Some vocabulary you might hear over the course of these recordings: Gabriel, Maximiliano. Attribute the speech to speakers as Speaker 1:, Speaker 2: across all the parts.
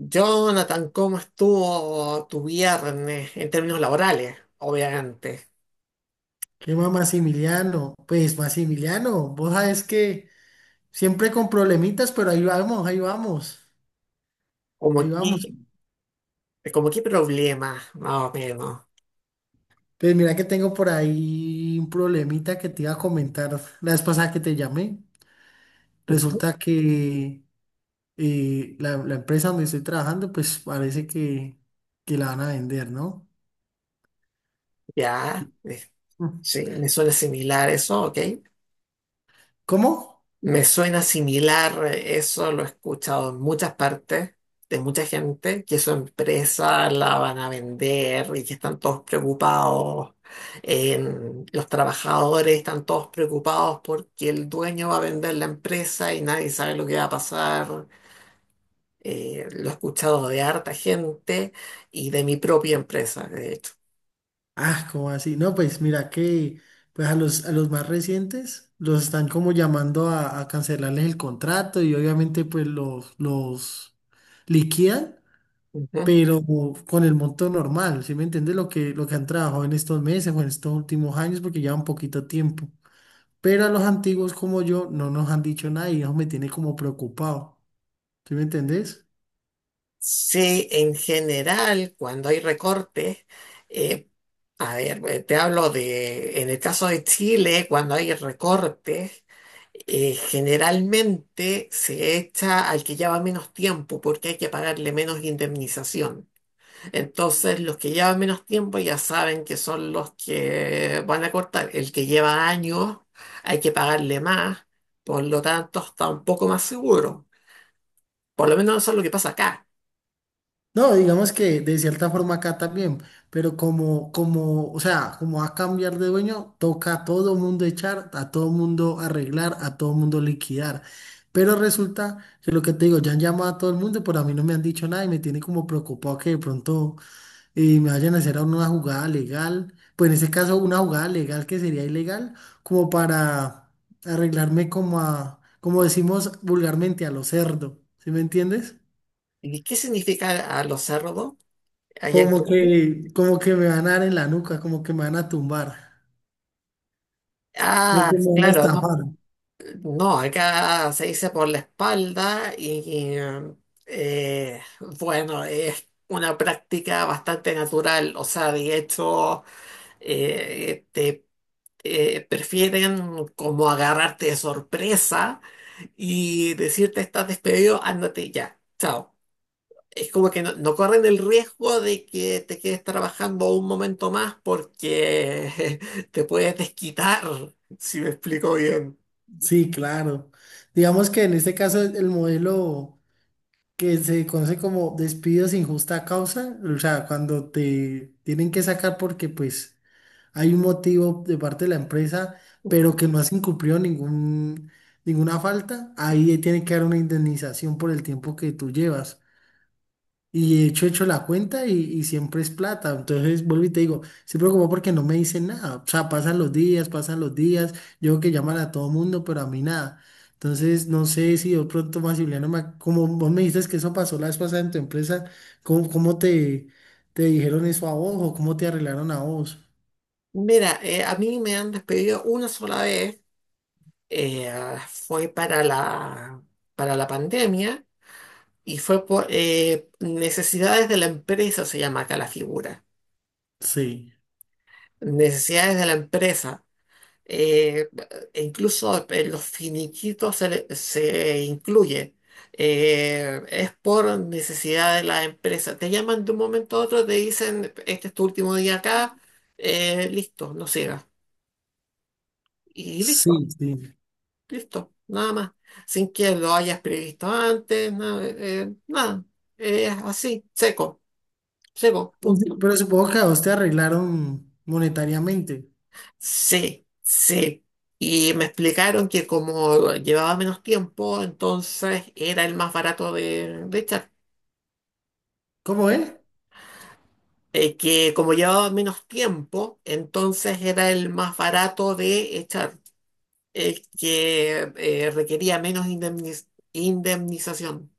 Speaker 1: Jonathan, ¿cómo estuvo tu viernes en términos laborales? Obviamente.
Speaker 2: ¿Qué más, Maximiliano? Pues, Maximiliano, vos sabes que siempre con problemitas, pero ahí vamos, ahí vamos, ahí
Speaker 1: ¿Cómo
Speaker 2: vamos.
Speaker 1: qué, como qué problemas, más o menos?
Speaker 2: Pues mira que tengo por ahí un problemita que te iba a comentar la vez pasada que te llamé. Resulta que la empresa donde estoy trabajando, pues parece que la van a vender, ¿no?
Speaker 1: ¿Ya?
Speaker 2: Mm.
Speaker 1: Sí, me suena similar eso, ¿ok?
Speaker 2: ¿Cómo?
Speaker 1: Me suena similar, eso lo he escuchado en muchas partes de mucha gente, que su empresa la van a vender y que están todos preocupados. Los trabajadores están todos preocupados porque el dueño va a vender la empresa y nadie sabe lo que va a pasar. Lo he escuchado de harta gente y de mi propia empresa, de hecho.
Speaker 2: Ah, ¿cómo así? No, pues mira que pues a los más recientes los están como llamando a cancelarles el contrato y obviamente pues los liquidan, pero con el monto normal, ¿sí me entiendes? Lo que han trabajado en estos meses o en estos últimos años porque llevan poquito tiempo. Pero a los antiguos como yo no nos han dicho nada y eso me tiene como preocupado, ¿sí me entendés?
Speaker 1: Sí, en general, cuando hay recortes, eh, te hablo de, en el caso de Chile, cuando hay recortes, generalmente se echa al que lleva menos tiempo porque hay que pagarle menos indemnización. Entonces, los que llevan menos tiempo ya saben que son los que van a cortar. El que lleva años hay que pagarle más, por lo tanto está un poco más seguro. Por lo menos eso es lo que pasa acá.
Speaker 2: No, digamos que de cierta forma acá también, pero como va a cambiar de dueño, toca a todo mundo echar, a todo mundo arreglar, a todo mundo liquidar. Pero resulta que lo que te digo, ya han llamado a todo el mundo, pero a mí no me han dicho nada y me tiene como preocupado que de pronto me vayan a hacer una jugada legal, pues en ese caso una jugada legal que sería ilegal, como para arreglarme como a, como decimos vulgarmente, a lo cerdo, ¿sí me entiendes?
Speaker 1: ¿Y qué significa a los cerdos allá en Colombia?
Speaker 2: Como que me van a dar en la nuca, como que me van a tumbar, como
Speaker 1: Ah,
Speaker 2: que me van a
Speaker 1: claro, no,
Speaker 2: estafar.
Speaker 1: no, acá se dice por la espalda y, eh, bueno, es una práctica bastante natural, o sea, de hecho, te prefieren como agarrarte de sorpresa y decirte estás despedido, ándate ya, chao. Es como que no, no corren el riesgo de que te quedes trabajando un momento más porque te puedes desquitar, si me explico bien.
Speaker 2: Sí, claro. Digamos que en este caso el modelo que se conoce como despido sin justa causa, o sea, cuando te tienen que sacar porque pues hay un motivo de parte de la empresa, pero que no has incumplido ninguna falta, ahí tiene que dar una indemnización por el tiempo que tú llevas. Y he hecho la cuenta y siempre es plata. Entonces vuelvo y te digo, se preocupa porque no me dicen nada. O sea, pasan los días, pasan los días. Yo creo que llaman a todo mundo, pero a mí nada. Entonces, no sé si de pronto Maximiliano, como vos me dices que eso pasó la vez pasada en tu empresa, ¿ cómo te, te dijeron eso a vos o cómo te arreglaron a vos?
Speaker 1: Mira, a mí me han despedido una sola vez, eh, fue para la pandemia y fue por necesidades de la empresa, se llama acá la figura.
Speaker 2: Sí,
Speaker 1: Necesidades de la empresa. eh, E incluso en los finiquitos se incluye. Es por necesidad de la empresa. Te llaman de un momento a otro, te dicen, este es tu último día acá, listo, no sigas. Y listo,
Speaker 2: sí, sí.
Speaker 1: listo, nada más. Sin que lo hayas previsto antes, nada. Nada. Es así, seco, seco,
Speaker 2: Pues, sí,
Speaker 1: punto.
Speaker 2: pero supongo que a vos te arreglaron monetariamente.
Speaker 1: Sí, sí. Y me explicaron que como llevaba menos tiempo, entonces era el más barato de echar.
Speaker 2: ¿Cómo es?
Speaker 1: Que como llevaba menos tiempo, entonces era el más barato de echar. El que requería indemnización.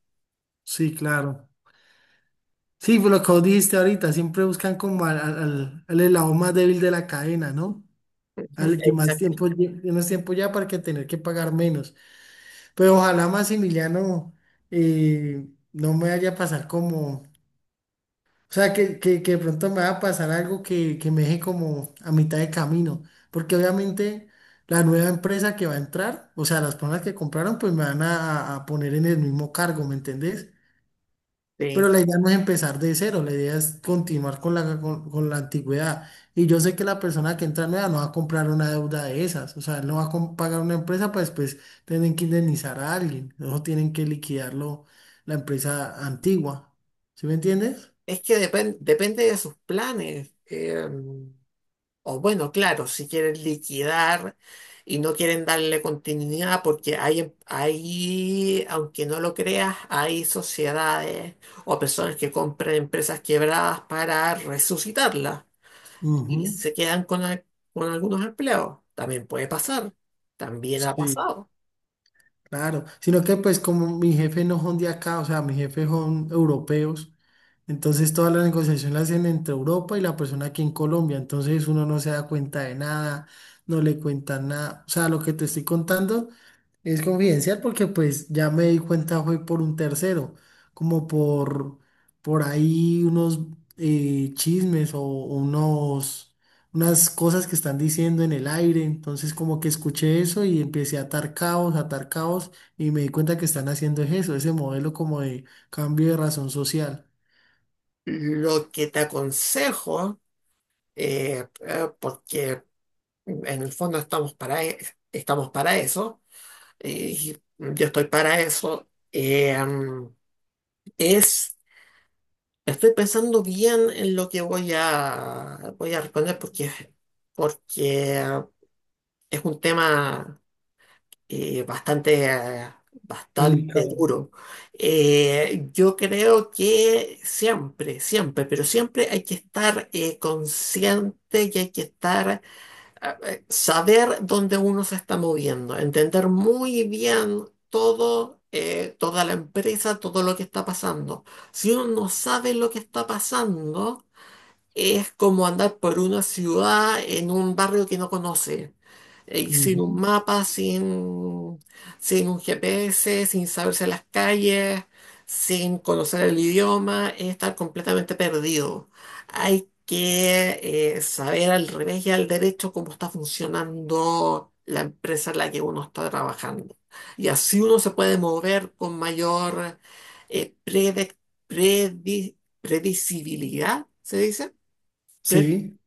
Speaker 2: Sí, claro. Sí, pues lo que vos dijiste ahorita, siempre buscan como al eslabón más débil de la cadena, ¿no?
Speaker 1: Ujú,
Speaker 2: Al que más
Speaker 1: exacto.
Speaker 2: tiempo, menos tiempo ya para que tener que pagar menos. Pero ojalá Maximiliano eh, no me vaya a pasar como, o sea, que de pronto me va a pasar algo que me deje como a mitad de camino, porque obviamente la nueva empresa que va a entrar, o sea, las personas que compraron, pues me van a poner en el mismo cargo, ¿me entendés? Pero
Speaker 1: Sí.
Speaker 2: la idea no es empezar de cero, la idea es continuar con con la antigüedad. Y yo sé que la persona que entra nueva no va a comprar una deuda de esas, o sea, él no va a pagar una empresa para después tienen que indemnizar a alguien, no tienen que liquidarlo la empresa antigua. ¿Sí me entiendes?
Speaker 1: Es que depende de sus planes. O bueno, claro, si quieren liquidar y no quieren darle continuidad, porque hay, hay, aunque no lo creas, hay sociedades o personas que compran empresas quebradas para resucitarlas y
Speaker 2: Ujú.
Speaker 1: se quedan con algunos empleos. También puede pasar, también ha
Speaker 2: Sí,
Speaker 1: pasado.
Speaker 2: claro, sino que pues como mi jefe no son de acá, o sea, mi jefe son europeos, entonces toda la negociación la hacen entre Europa y la persona aquí en Colombia, entonces uno no se da cuenta de nada, no le cuentan nada, o sea, lo que te estoy contando es confidencial porque pues ya me di cuenta fue por un tercero, como por ahí unos chismes o unas cosas que están diciendo en el aire. Entonces como que escuché eso y empecé a atar caos y me di cuenta que están haciendo es eso, ese modelo como de cambio de razón social.
Speaker 1: Lo que te aconsejo, porque en el fondo estamos para eso, yo estoy para eso. Es, Estoy pensando bien en lo que voy a responder porque, porque ah, es un tema eh, bastante
Speaker 2: Delicado.
Speaker 1: duro. Yo creo que siempre, siempre, pero siempre hay que estar consciente y hay que estar saber dónde uno se está moviendo, entender muy bien todo, toda la empresa, todo lo que está pasando. Si uno no sabe lo que está pasando, es como andar por una ciudad en un barrio que no conoce y sin un
Speaker 2: Ujú.
Speaker 1: mapa, sin un GPS, sin saberse las calles, sin conocer el idioma, es estar completamente perdido. Hay que saber al revés y al derecho cómo está funcionando la empresa en la que uno está trabajando. Y así uno se puede mover con mayor eh, prede- predi- predecibilidad, ¿se dice?
Speaker 2: Sí,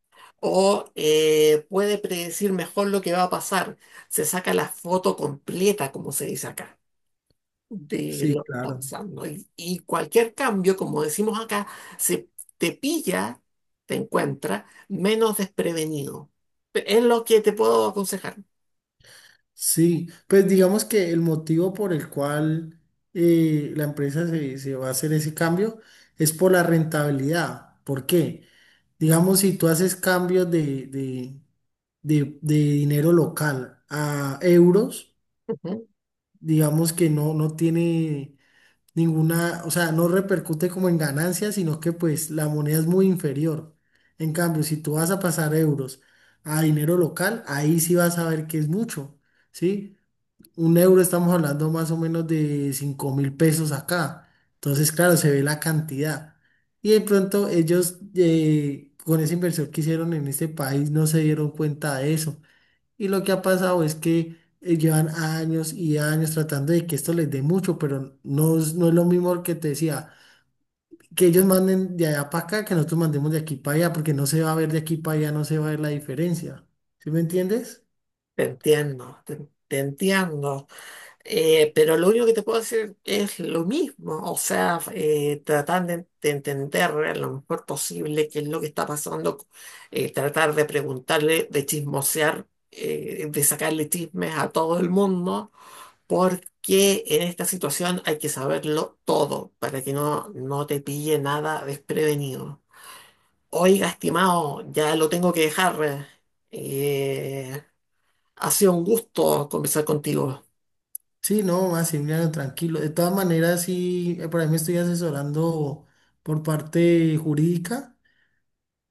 Speaker 1: O puede predecir mejor lo que va a pasar. Se saca la foto completa, como se dice acá, de
Speaker 2: sí,
Speaker 1: lo que está
Speaker 2: claro.
Speaker 1: pasando. Y cualquier cambio, como decimos acá, se te pilla, te encuentra menos desprevenido. Es lo que te puedo aconsejar.
Speaker 2: Sí, pues digamos que el motivo por el cual la empresa se va a hacer ese cambio es por la rentabilidad. ¿Por qué? Digamos, si tú haces cambios de dinero local a euros,
Speaker 1: Ujú.
Speaker 2: digamos que no, no tiene ninguna, o sea, no repercute como en ganancias, sino que pues la moneda es muy inferior. En cambio, si tú vas a pasar euros a dinero local, ahí sí vas a ver que es mucho, ¿sí? Un euro estamos hablando más o menos de 5000 pesos acá. Entonces, claro, se ve la cantidad. Y de pronto ellos con esa inversión que hicieron en este país no se dieron cuenta de eso. Y lo que ha pasado es que llevan años y años tratando de que esto les dé mucho, pero no, no es lo mismo que te decía, que ellos manden de allá para acá, que nosotros mandemos de aquí para allá, porque no se va a ver de aquí para allá, no se va a ver la diferencia. ¿Sí me entiendes?
Speaker 1: Te entiendo, te entiendo. Pero lo único que te puedo decir es lo mismo, o sea, tratar de entender lo mejor posible qué es lo que está pasando, tratar de preguntarle, de chismosear, de sacarle chismes a todo el mundo, porque en esta situación hay que saberlo todo para que no, no te pille nada desprevenido. Oiga, estimado, ya lo tengo que dejar. eh, Ha sido un gusto conversar contigo.
Speaker 2: Sí, no, Maximiliano, tranquilo. De todas maneras, sí, por ahí me estoy asesorando por parte jurídica,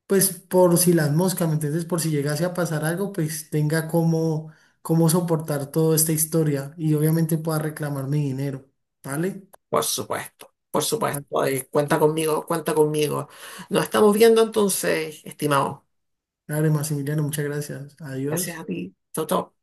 Speaker 2: pues por si las moscas, ¿me entiendes? Por si llegase a pasar algo, pues tenga cómo, cómo soportar toda esta historia y obviamente pueda reclamar mi dinero, ¿vale?
Speaker 1: Por supuesto, por
Speaker 2: Vale,
Speaker 1: supuesto. Ay, cuenta conmigo, cuenta conmigo. Nos estamos viendo entonces, estimado.
Speaker 2: dale, Maximiliano, muchas gracias.
Speaker 1: Gracias
Speaker 2: Adiós.
Speaker 1: a ti. Chau, chau.